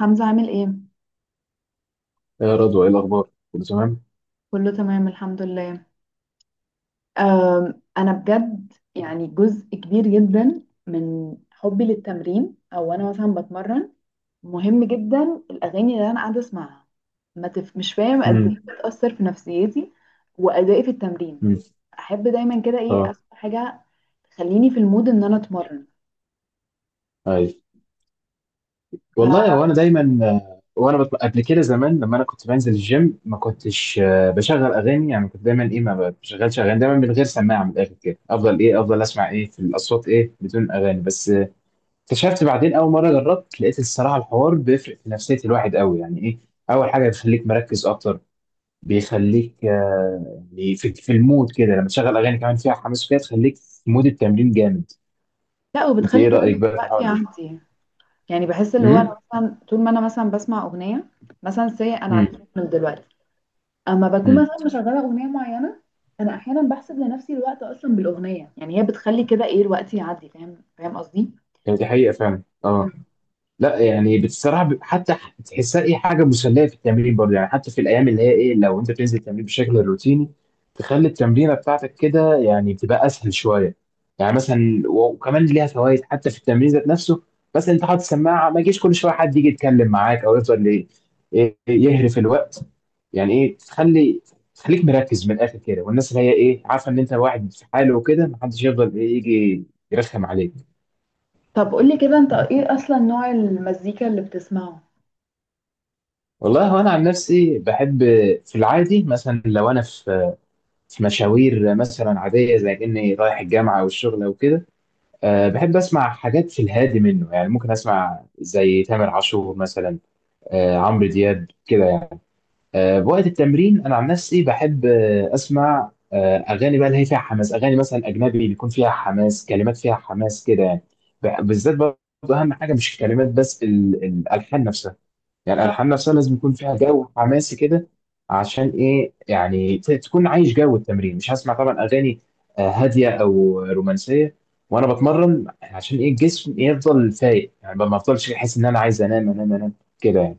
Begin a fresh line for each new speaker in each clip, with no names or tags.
حمزة عامل ايه؟
يا رضوى، ايه الاخبار؟ كله تمام؟
كله تمام الحمد لله. انا بجد يعني جزء كبير جدا من حبي للتمرين او انا مثلا بتمرن، مهم جدا الاغاني اللي انا قاعدة اسمعها. ما تف... مش فاهم قد ايه
امم.
بتأثر في نفسيتي وادائي في التمرين.
امم.
احب دايما كده ايه
اه.
اسمع حاجة تخليني في المود ان انا اتمرن.
اي.
ف
والله وانا دايما قبل كده زمان لما انا كنت بنزل الجيم ما كنتش بشغل اغاني، يعني كنت دايما ايه ما بشغلش اغاني، دايما من غير سماعه، من الاخر كده افضل ايه افضل اسمع ايه في الاصوات ايه بدون اغاني بس اكتشفت بعدين اول مره جربت لقيت الصراحه الحوار بيفرق في نفسيه الواحد قوي، يعني ايه؟ اول حاجه بيخليك مركز اكتر. بيخليك، يعني في المود كده، لما تشغل اغاني كمان فيها حماس وكده تخليك في مود التمرين جامد.
لا،
انت
وبتخلي
ايه
كمان
رأيك بقى في
الوقت
الحوار ده؟
يعدي. يعني بحس اللي هو
امم.
انا مثلا طول ما انا مثلا بسمع اغنية، مثلا سي انا على
امم.
التريدميل دلوقتي، اما بكون
امم.
مثلا مشغله اغنيه معينه، انا احيانا بحسب لنفسي الوقت اصلا بالاغنيه، يعني هي بتخلي كده ايه الوقت يعدي، فاهم قصدي.
يعني دي حقيقة فعلا،
مم.
اه. لا يعني بصراحه حتى تحسها ايه حاجه مسليه في التمرين برضه، يعني حتى في الايام اللي هي ايه لو انت بتنزل التمرين بشكل روتيني تخلي التمرينه بتاعتك كده يعني تبقى اسهل شويه. يعني مثلا وكمان ليها فوائد حتى في التمرين ذات نفسه. بس انت حاطط سماعه ما يجيش كل شويه حد يجي يتكلم معاك، او يفضل إيه يهرف الوقت. يعني ايه تخلي، تخليك مركز من الاخر كده، والناس اللي هي ايه عارفه ان انت واحد في حاله وكده ما حدش يفضل ايه يجي يرخم عليك.
طب قولي كده انت ايه اصلا نوع المزيكا اللي بتسمعه.
والله هو انا عن نفسي بحب، في العادي مثلا لو انا في مشاوير مثلا عاديه زي اني رايح الجامعه والشغل وكده، أه بحب اسمع حاجات في الهادي منه، يعني ممكن اسمع زي تامر عاشور مثلا، أه عمرو دياب كده يعني. أه بوقت التمرين انا عن نفسي بحب اسمع اغاني بقى اللي هي فيها حماس، اغاني مثلا اجنبي بيكون فيها حماس، كلمات فيها حماس كده يعني. بالذات برضه اهم حاجه مش الكلمات بس الالحان نفسها، يعني
اه
الالحان نفسها لازم يكون فيها جو حماسي كده. عشان ايه يعني تكون عايش جو التمرين، مش هسمع طبعا اغاني هاديه او رومانسيه وانا بتمرن، عشان ايه الجسم يفضل فايق، يعني ما افضلش احس ان انا عايز انام انام انام، كده يعني.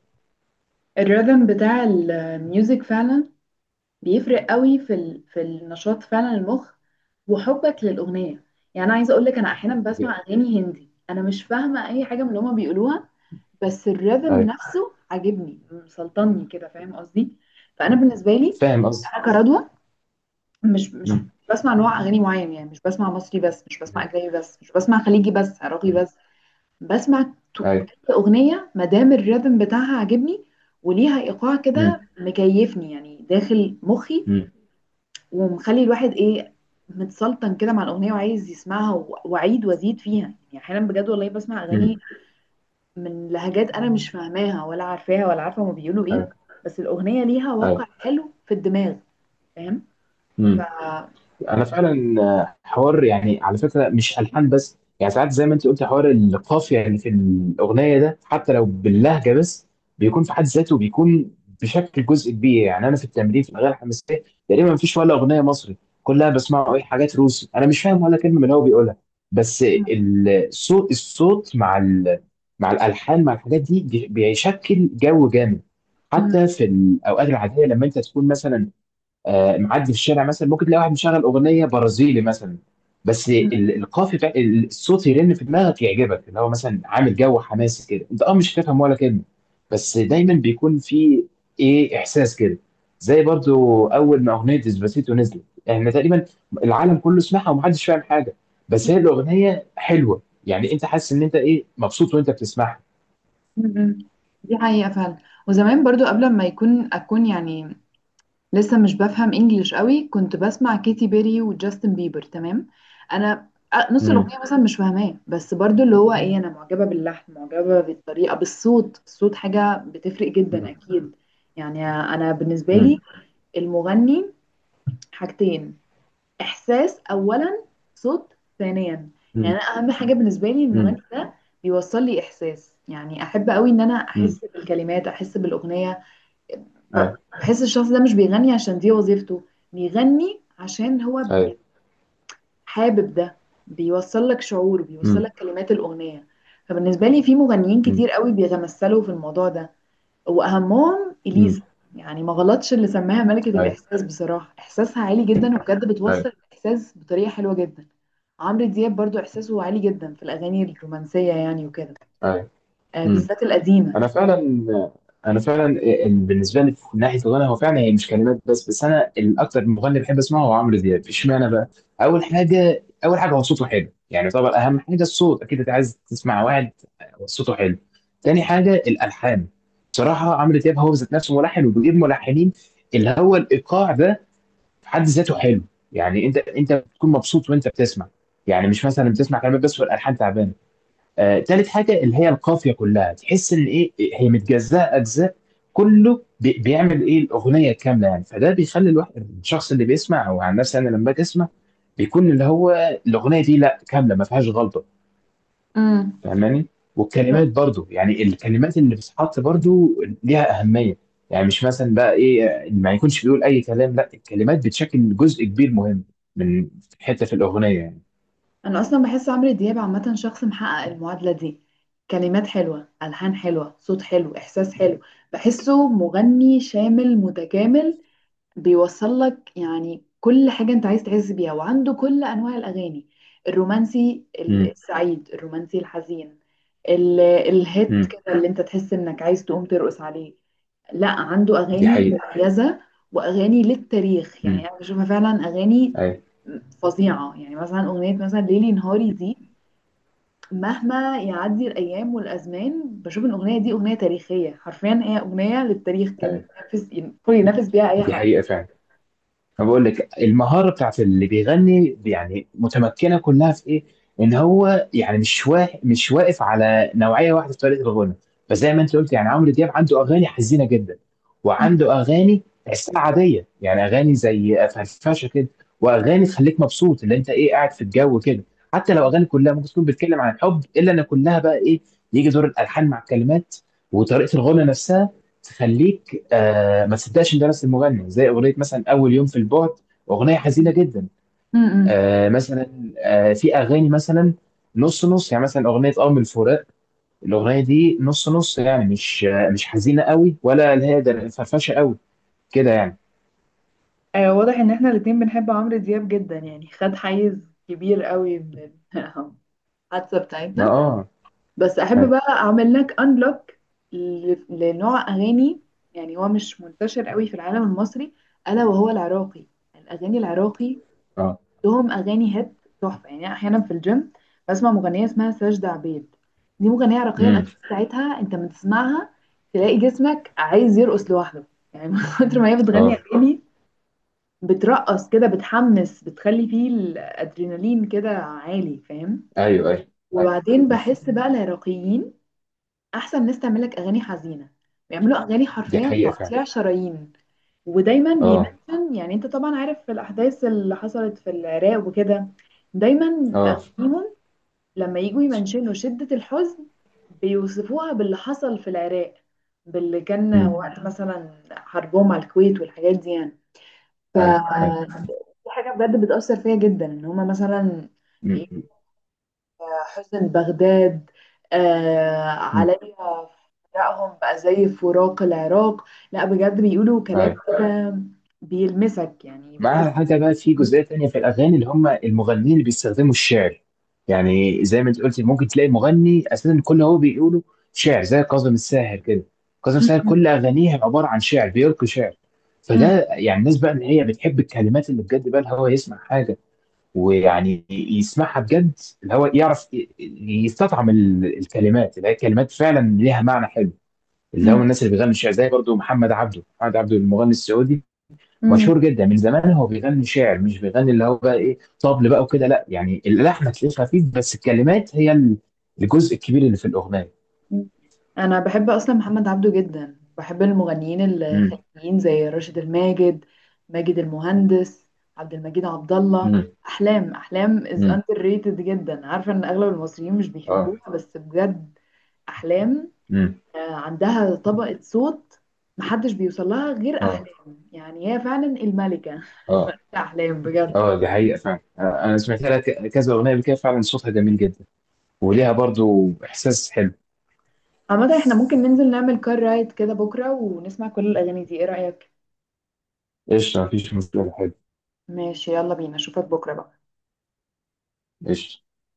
الريتم بتاع الميوزك فعلا بيفرق قوي في النشاط فعلا المخ وحبك للاغنيه. يعني انا عايزه اقول لك انا احيانا بسمع
ج-
اغاني هندي، انا مش فاهمه اي حاجه من اللي هما بيقولوها، بس الريذم
أيوة.
نفسه عاجبني مسلطني كده، فاهم قصدي؟ فانا بالنسبه لي
فاهم قصدك.
انا كردوه، مش
مم.
بسمع نوع اغاني معين. يعني مش بسمع مصري بس، مش بسمع
مم.
اجنبي بس، مش بسمع خليجي بس، عراقي
مم.
بس. بسمع تو-
ايوه.
اي اغنيه ما دام الريذم بتاعها عاجبني وليها ايقاع
مم.
كده مكيفني يعني داخل مخي،
مم.
ومخلي الواحد ايه متسلطن كده مع الاغنيه وعايز يسمعها واعيد وازيد فيها. يعني احيانا بجد والله بسمع اغاني
مم.
من لهجات انا مش فاهماها ولا عارفاها ولا عارفه هما بيقولوا ايه،
ايوه.
بس الاغنيه ليها
ايوه.
وقع حلو في الدماغ، فاهم؟ ف
مم. انا فعلا حوار يعني على فكره مش الحان بس، يعني ساعات زي ما انت قلت، حوار القافيه اللي في الاغنيه ده حتى لو باللهجه بس بيكون في حد ذاته، بيكون بشكل جزء كبير. يعني انا في التمرين في الاغاني الحماسيه تقريبا مفيش ولا اغنيه مصري، كلها بسمعه اي حاجات روسي، انا مش فاهم ولا كلمه من اللي هو بيقولها. بس
مم.
الصوت الصوت مع الالحان، مع الحاجات دي بيشكل جو جامد.
مم.
حتى في الاوقات العاديه لما انت تكون مثلا معدي في الشارع مثلا ممكن تلاقي واحد مشغل اغنيه برازيلي مثلا، بس القافي بتاع الصوت يرن في دماغك، يعجبك اللي هو مثلا عامل جو حماسي كده، انت مش هتفهم ولا كلمه. بس دايما بيكون في ايه احساس كده، زي برضو اول ما اغنيه ديسباسيتو نزلت احنا تقريبا، العالم كله سمعها ومحدش فاهم حاجه، بس
مم.
هي الاغنيه حلوه، يعني انت حاسس ان انت ايه مبسوط وانت بتسمعها.
مم. دي حقيقه فعلا. وزمان برضو قبل ما اكون يعني لسه مش بفهم انجليش قوي كنت بسمع كيتي بيري وجاستن بيبر، تمام؟ انا نص
امم.
الاغنيه مثلا مش فاهماه، بس برضو اللي هو ايه انا معجبه باللحن، معجبه بالطريقه، بالصوت. الصوت حاجه بتفرق جدا
امم.
اكيد. يعني انا بالنسبه لي
امم.
المغني حاجتين: احساس اولا، صوت ثانيا. يعني
امم.
انا اهم حاجه بالنسبه لي المغني
امم.
ده بيوصل لي احساس، يعني احب قوي ان انا
امم.
احس بالكلمات، احس بالاغنيه. ب-
ايوه.
بحس الشخص ده مش بيغني عشان دي وظيفته، بيغني عشان هو يعني
ايوه.
حابب ده، بيوصل لك شعور، بيوصل لك
امم.
كلمات الاغنيه. فبالنسبه لي في مغنيين
امم.
كتير قوي بيتمثلوا في الموضوع ده، واهمهم اليسا.
امم.
يعني ما غلطش اللي سماها ملكة
ايوه.
الاحساس، بصراحة احساسها عالي جدا وبجد
أيوه.
بتوصل الاحساس بطريقة حلوة جدا. عمرو دياب برضو احساسه عالي جدا في الاغاني الرومانسية يعني وكده،
أيوه.
آه
إمم.
بالذات القديمة.
أنا فعلًا أنا فعلًا بالنسبة لي من ناحية الغنا، هو فعلًا هي مش كلمات بس، أنا الأكتر مغني باحب أسمعه هو عمرو دياب، إشمعنى بقى؟ أول حاجة هو صوته حلو، يعني طبعًا أهم حاجة الصوت، أكيد أنت عايز تسمع واحد صوته حلو. تاني حاجة الألحان، بصراحة عمرو دياب هو ذات نفسه ملحن وبيجيب ملحنين، اللي هو الإيقاع ده في حد ذاته حلو، يعني أنت بتكون مبسوط وأنت بتسمع، يعني مش مثلًا بتسمع كلمات بس والألحان تعبانة. تالت حاجة اللي هي القافية، كلها تحس إن إيه هي متجزأة أجزاء، كله بيعمل إيه الأغنية كاملة، يعني فده بيخلي الواحد الشخص اللي بيسمع أو عن نفسي أنا لما باجي أسمع بيكون اللي هو الأغنية دي لأ كاملة ما فيهاش غلطة،
امم،
فاهماني؟ والكلمات برضو، يعني الكلمات اللي بتتحط برضو ليها أهمية، يعني مش مثلا بقى إيه ما يكونش بيقول أي كلام، لأ الكلمات بتشكل جزء كبير مهم من حتة في الأغنية يعني.
انا اصلا بحس عمرو دياب عامه شخص محقق المعادله دي: كلمات حلوه، الحان حلوه، صوت حلو، احساس حلو. بحسه مغني شامل متكامل، بيوصل لك يعني كل حاجة انت عايز تحس بيها، وعنده كل انواع الاغاني: الرومانسي،
امم.
السعيد، الرومانسي الحزين، الهيت
امم.
كده اللي انت تحس انك عايز تقوم ترقص عليه. لا عنده
دي
اغاني
حقيقة.
مميزة واغاني للتاريخ، يعني
امم.
انا بشوفها فعلا اغاني
أيوه.
فظيعة. يعني مثلا اغنية مثلا ليلي نهاري دي، مهما يعدي الايام والازمان بشوف ان الاغنية دي اغنية تاريخية، حرفيا هي اغنية للتاريخ كده،
أيوه.
تنافس ينفس بيها اي
دي
حد.
حقيقة فعلا. أنا بقول لك المهاره بتاعت اللي بيغني يعني متمكنه كلها في ايه؟ ان هو يعني مش واقف على نوعيه واحده في طريقه الغنى. فزي ما انت قلت، يعني عمرو دياب عنده اغاني حزينه جدا، وعنده اغاني تحسها عاديه، يعني اغاني زي فرفشه كده، واغاني تخليك مبسوط اللي انت ايه قاعد في الجو كده. حتى لو اغاني كلها ممكن تكون بتتكلم عن الحب الا ان كلها بقى ايه، يجي دور الالحان مع الكلمات وطريقه الغنى نفسها تخليك ما تصدقش ان ده نفس المغني، زي اغنيه مثلا اول يوم في البعد، اغنيه حزينه جدا.
امم،
مثلا في اغاني مثلا نص نص، يعني مثلا اغنيه من الفراق، الاغنيه دي نص نص يعني مش مش حزينه قوي ولا اللي هي فرفشه قوي كده يعني.
آه واضح ان احنا الاتنين بنحب عمرو دياب جدا، يعني خد حيز كبير قوي من الحادثة
ما
بتاعتنا. بس احب
أيوة.
بقى اعمل لك انلوك لنوع اغاني يعني هو مش منتشر قوي في العالم المصري، الا وهو العراقي. الاغاني العراقي
اه.
لهم اغاني هيت تحفة. يعني أنا احيانا في الجيم بسمع مغنية اسمها ساجدة عبيد، دي مغنية عراقية.
امم.
الاغاني بتاعتها انت من تسمعها تلاقي جسمك عايز يرقص لوحده، يعني من كتر ما هي بتغني
اه.
اغاني بترقص كده، بتحمس، بتخلي فيه الادرينالين كده عالي، فاهم؟
ايوه. ايوه. ايوه.
وبعدين بحس
بس
بقى العراقيين احسن ناس تعمل لك اغاني حزينه، بيعملوا اغاني
دي
حرفيا
حقيقه فعلا.
تقطيع شرايين. ودايما
اه.
بيمنشن، يعني انت طبعا عارف في الاحداث اللي حصلت في العراق وكده، دايما في
اه.
اغانيهم لما يجوا يمنشنوا شده الحزن بيوصفوها باللي حصل في العراق، باللي كان
امم.
وقت مثلا حربهم على الكويت والحاجات دي يعني. ف
ايوه. ايوه.
دي حاجة بجد بتأثر فيا جدا ان هما مثلا ي-
امم.
حسن بغداد آه
أمم.
عليا، فراقهم بقى زي فراق العراق. لا بجد بيقولوا كلام
أيوة.
كده بيلمسك، يعني بتحس.
مع حاجة بقى في جزئية تانية في الأغاني اللي هم المغنيين اللي بيستخدموا الشعر، يعني زي ما انت قلت ممكن تلاقي مغني أساسا كل هو بيقوله شعر، زي كاظم الساهر كده، كاظم الساهر كل أغانيه عبارة عن شعر بيلقي شعر.
مم.
فده يعني الناس بقى اللي هي بتحب الكلمات اللي بجد بقى اللي هو يسمع حاجة ويعني يسمعها بجد، اللي هو يعرف يستطعم الكلمات اللي هي كلمات فعلا ليها معنى حلو، اللي هم
مم.
الناس اللي بيغنوا الشعر، زي برضو محمد عبده، محمد عبده المغني السعودي،
مم.
مشهور جدا من زمان، هو بيغني شعر مش بيغني اللي هو بقى ايه طبل بقى وكده، لا يعني اللحن هتلاقيه خفيف، بس الكلمات هي الجزء الكبير اللي في الاغنيه.
مم. انا بحب اصلا محمد عبده جدا، بحب المغنيين
امم.
الخليجيين زي راشد الماجد، ماجد المهندس، عبد المجيد عبد الله،
امم.
احلام. احلام is
امم.
underrated جدا، عارفه ان اغلب المصريين مش
اه.
بيحبوها بس بجد أحلام
امم.
آه، عندها طبقة صوت محدش بيوصل لها غير
اه.
أحلام. يعني هي فعلا الملكة الملكة
اه.
أحلام بجد.
اه. دي حقيقه فعلا. انا سمعت لها كذا اغنيه قبل كده فعلا، صوتها جميل جدا وليها برضو احساس حلو.
عامة احنا ممكن ننزل نعمل كار رايد كده بكرة ونسمع كل الأغاني دي، ايه رأيك؟
قشطه، مفيش مشكله، حلو.
ماشي، يلا بينا، اشوفك بكرة بقى.
قشطه.